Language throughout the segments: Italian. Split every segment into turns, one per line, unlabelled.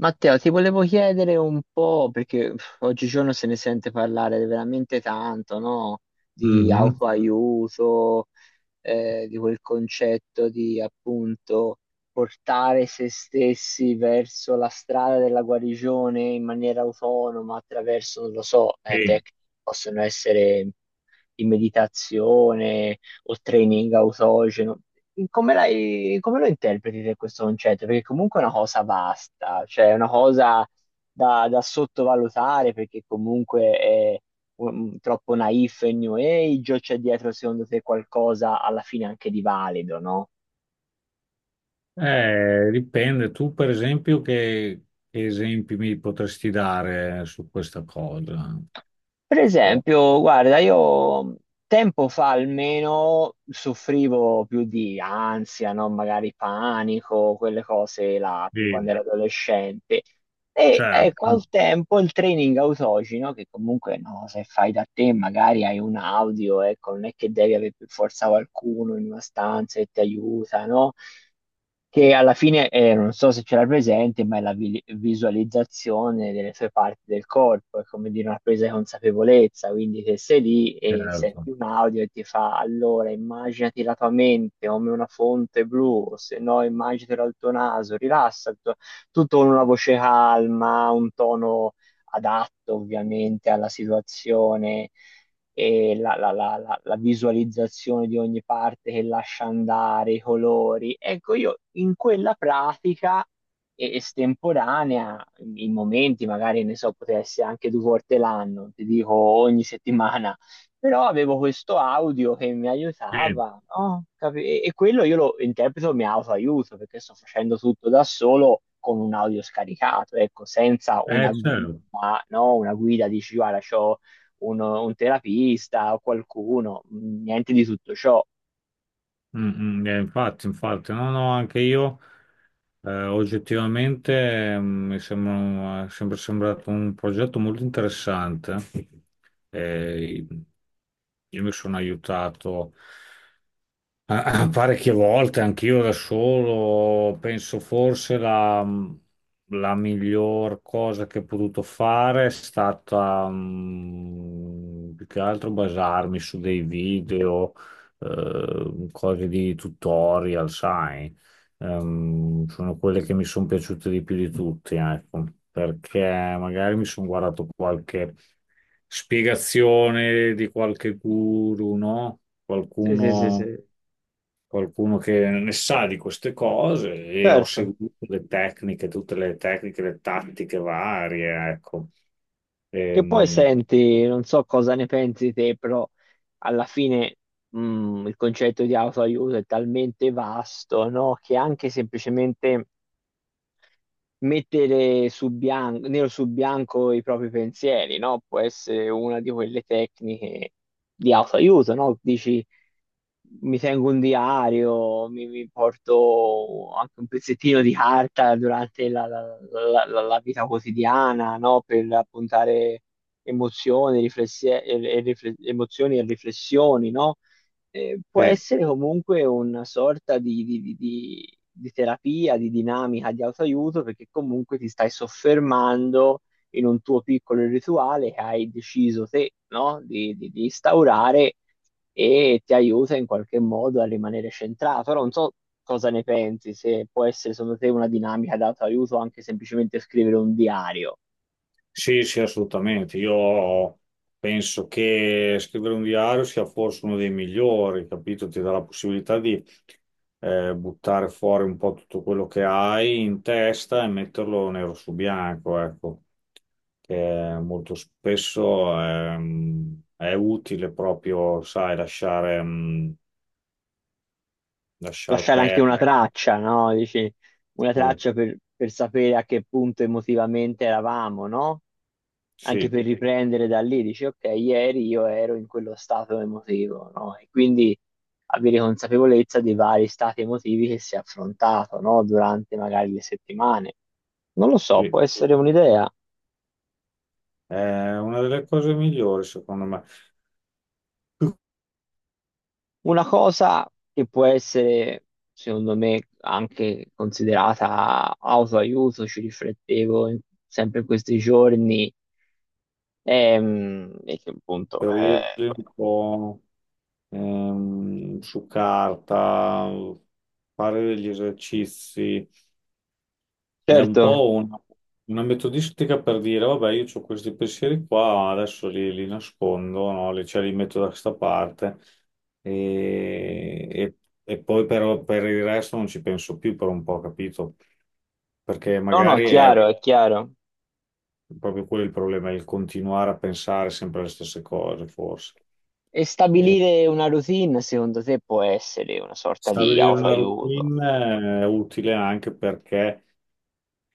Matteo, ti volevo chiedere un po', perché oggigiorno se ne sente parlare veramente tanto, no? Di
Mhm,
autoaiuto, di quel concetto di appunto portare se stessi verso la strada della guarigione in maniera autonoma attraverso, non lo so,
sì.
tecniche che possono essere in meditazione o training autogeno. Come, come lo interpreti te questo concetto? Perché comunque è una cosa vasta, cioè è una cosa da sottovalutare perché comunque è troppo naif e new age o c'è dietro secondo te qualcosa alla fine anche di valido, no?
Dipende. Tu, per esempio, che esempi mi potresti dare su questa cosa?
Per
Tipo,
esempio, guarda, io tempo fa almeno soffrivo più di ansia, no? Magari panico, quelle cose là, più quando
sì,
ero adolescente. E ecco,
certo,
al tempo il training autogeno, no? Che comunque no, se fai da te magari hai un audio, ecco, non è che devi avere per forza qualcuno in una stanza che ti aiuta, no? Che alla fine, non so se ce l'ha presente, ma è la visualizzazione delle sue parti del corpo, è come dire una presa di consapevolezza, quindi se sei lì e senti
certo.
un audio e ti fa allora immaginati la tua mente come una fonte blu, o se no immaginatela il tuo naso, rilassa, tutto con una voce calma, un tono adatto ovviamente alla situazione e la visualizzazione di ogni parte che lascia andare, i colori. Ecco, io in quella pratica estemporanea, in momenti magari, ne so, poteva essere anche due volte l'anno, ti dico ogni settimana, però avevo questo audio che mi
Sì,
aiutava, no? E quello io lo interpreto mi autoaiuto, perché sto facendo tutto da solo con un audio scaricato, ecco, senza una
certo.
gumma, no? Una guida, dici, guarda, c'ho un terapista o qualcuno, niente di tutto ciò.
Mm, mm, infatti, no, no, anche io oggettivamente, mi sembra, è sempre sembrato un progetto molto interessante. Eh, io mi sono aiutato. Ah, ah, parecchie volte, anch'io da solo. Penso forse la miglior cosa che ho potuto fare è stata, mm, più che altro basarmi su dei video, cose di tutorial, sai. Sono quelle che mi sono piaciute di più di tutti, ecco, perché magari mi sono guardato qualche spiegazione di qualche guru, no?
Sì, sì, sì,
Qualcuno,
sì,
qualcuno che ne sa di queste cose, e ho
certo.
seguito le tecniche, tutte le tecniche, le tattiche varie, ecco.
Che poi
Ehm,
senti, non so cosa ne pensi te, però alla fine il concetto di autoaiuto è talmente vasto, no? Che anche semplicemente mettere su bianco, nero su bianco i propri pensieri, no? Può essere una di quelle tecniche di autoaiuto, no? Dici, mi tengo un diario, mi porto anche un pezzettino di carta durante la vita quotidiana, no? Per appuntare emozioni, emozioni e riflessioni, no? Può
sì,
essere comunque una sorta di, di terapia, di dinamica, di autoaiuto, perché comunque ti stai soffermando in un tuo piccolo rituale che hai deciso te, no? Di, di instaurare e ti aiuta in qualche modo a rimanere centrato. Ora non so cosa ne pensi, se può essere secondo te una dinamica di autoaiuto anche semplicemente scrivere un diario.
sì, sì, assolutamente. Io penso che scrivere un diario sia forse uno dei migliori, capito? Ti dà la possibilità di, buttare fuori un po' tutto quello che hai in testa e metterlo nero su bianco, ecco. Che molto spesso, è utile proprio, sai, lasciare, lasciar
Lasciare anche una
perdere.
traccia, no? Dici, una
Sì,
traccia per sapere a che punto emotivamente eravamo, no? Anche
sì,
per riprendere da lì, dici, ok, ieri io ero in quello stato emotivo, no? E quindi avere consapevolezza dei vari stati emotivi che si è affrontato, no? Durante magari le settimane. Non lo so,
sì.
può essere un'idea.
È una delle cose migliori, secondo me,
Una cosa che può essere, secondo me, anche considerata autoaiuto, ci riflettevo sempre in questi giorni, che appunto,
periodi un po', su carta, fare degli esercizi. È un
certo,
po' una metodistica per dire, vabbè, io ho questi pensieri qua, adesso li nascondo, no? Li, cioè, li metto da questa parte e, e- e poi però per il resto non ci penso più per un po', capito? Perché
no, no, è
magari è
chiaro, è chiaro.
proprio quello il problema, il continuare a pensare sempre alle stesse cose, forse.
E
E
stabilire una routine, secondo te, può essere una sorta di
stabilire una
autoaiuto?
routine è utile anche perché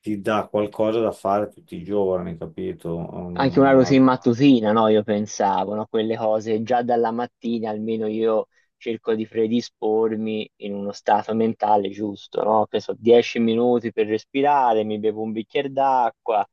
ti dà qualcosa da fare tutti i giorni, capito?
Anche una routine mattutina, no? Io pensavo, no? Quelle cose già dalla mattina, almeno io cerco di predispormi in uno stato mentale giusto, no? Che so, 10 minuti per respirare, mi bevo un bicchiere d'acqua,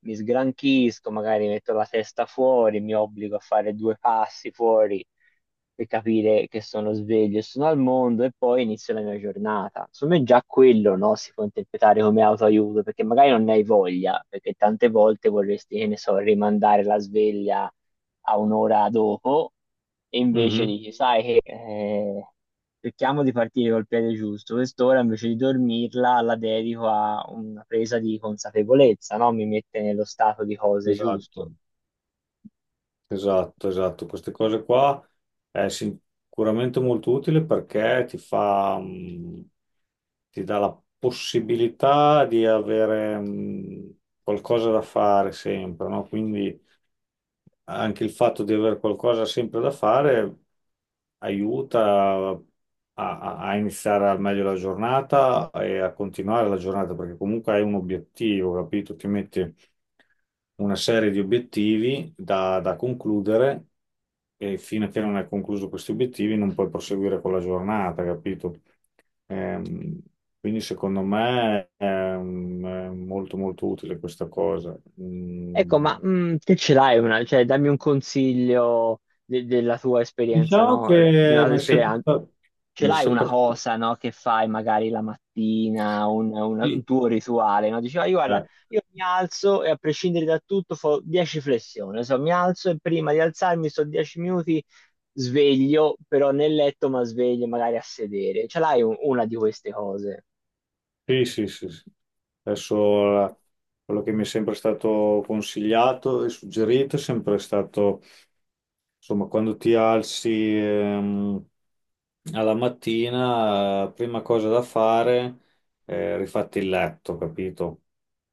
mi sgranchisco, magari metto la testa fuori, mi obbligo a fare due passi fuori per capire che sono sveglio e sono al mondo e poi inizio la mia giornata. Secondo me già quello, no, si può interpretare come autoaiuto, perché magari non ne hai voglia, perché tante volte vorresti, che ne so, rimandare la sveglia a un'ora dopo e invece
Mhm.
dici, sai che cerchiamo di partire col piede giusto, quest'ora invece di dormirla la dedico a una presa di consapevolezza, no? Mi mette nello stato di cose giusto.
Esatto, esatto, esatto. Queste cose qua è sicuramente molto utile, perché ti fa, mm, ti dà la possibilità di avere, mm, qualcosa da fare sempre, no? Quindi anche il fatto di avere qualcosa sempre da fare aiuta a, a iniziare al meglio la giornata e a continuare la giornata, perché comunque hai un obiettivo, capito? Ti metti una serie di obiettivi da concludere, e fino a che non hai concluso questi obiettivi non puoi proseguire con la giornata, capito? Ehm, quindi secondo me è molto molto utile questa cosa.
Ecco, ma
Mm,
te ce l'hai una, cioè dammi un consiglio della tua esperienza,
diciamo
no? Della
che
tua
mi è sempre
esperienza.
stato,
Ce
mi è
l'hai una
sempre stato-
cosa, no? Che fai magari la mattina, un
sì,
tuo rituale, no? Dici, "Ah, io guarda,
eh,
io mi alzo e a prescindere da tutto fo 10 flessioni, so, mi alzo e prima di alzarmi sto 10 minuti sveglio, però nel letto ma sveglio magari a sedere. Ce l'hai una di queste cose?
sì, sì, sì, sì. Adesso, quello che mi è sempre stato consigliato e suggerito è sempre stato, insomma, quando ti alzi, ehm, alla mattina, prima cosa da fare è rifatti il letto, capito?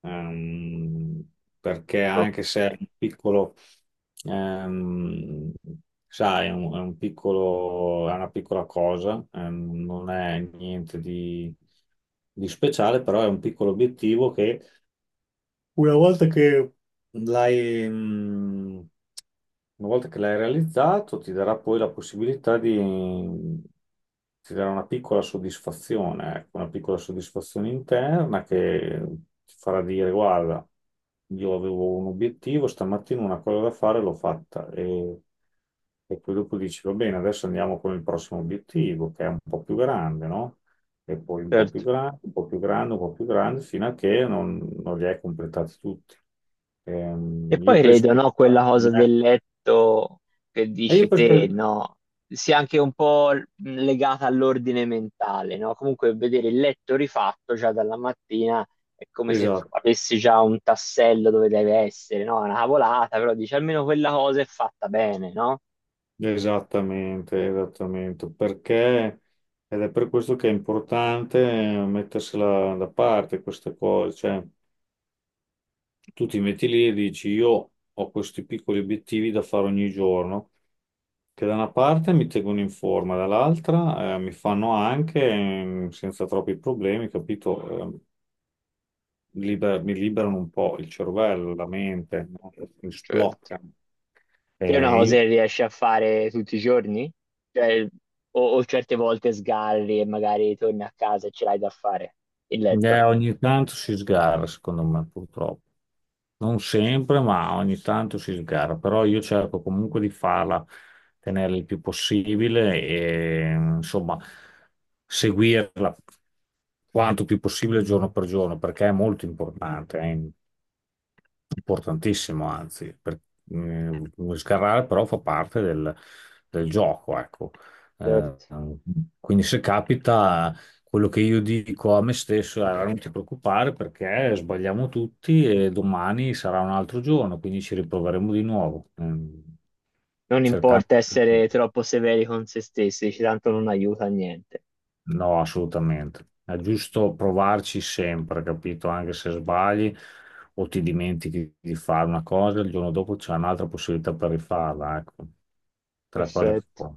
Ehm, Perché
Ok,
anche se è un piccolo, ehm, sai, è è un piccolo, è una piccola cosa, non è niente di, di speciale, però è un piccolo obiettivo che, una volta che l'hai mh, una volta che l'hai realizzato, ti darà poi la possibilità di, ti darà una piccola soddisfazione, ecco, una piccola soddisfazione interna, che ti farà dire: "Guarda, io avevo un obiettivo, stamattina una cosa da fare, l'ho fatta." E poi dopo dici: "Va bene, adesso andiamo con il prossimo obiettivo, che è un po' più grande, no?" E poi un po' più
certo.
grande, un po' più grande, un po' più grande, fino a che non, non li hai completati tutti.
E
Io
poi
penso
credo,
che...
no, quella cosa del letto che
eh, io
dici
penso
te,
che-
no, sia anche un po' legata all'ordine mentale, no? Comunque vedere il letto rifatto già dalla mattina è come se
esatto,
avessi già un tassello dove deve essere, no? È una cavolata, però dici almeno quella cosa è fatta bene, no?
esattamente, esattamente, perché... Ed è per questo che è importante, mettersela da parte queste cose, cioè tu ti metti lì e dici: io ho questi piccoli obiettivi da fare ogni giorno, che da una parte mi tengono in forma, dall'altra, mi fanno anche, senza troppi problemi, capito? Mi liberano un po' il cervello, la mente, no? Mi
Certo.
sbloccano.
Te è una cosa che riesci a fare tutti i giorni? Cioè, o certe volte sgarri e magari torni a casa e ce l'hai da fare, il letto.
Ogni tanto si sgarra, secondo me, purtroppo. Non sempre, ma ogni tanto si sgarra. Però io cerco comunque di farla tenere il più possibile e, insomma, seguirla quanto più possibile giorno per giorno, perché è molto importante, è importantissimo, anzi. Per, eh, sgarrare però fa parte del gioco, ecco. Eh,
Certo.
quindi se capita. Quello che io dico a me stesso è: "Allora, non ti preoccupare, perché sbagliamo tutti e domani sarà un altro giorno, quindi ci riproveremo di nuovo." Mm,
Non importa
cercando...
essere troppo severi con se stessi, tanto non aiuta a niente.
No, assolutamente. È giusto provarci sempre, capito? Anche se sbagli o ti dimentichi di fare una cosa, il giorno dopo c'è un'altra possibilità per rifarla, ecco. Tra cose che
Perfetto.
fa.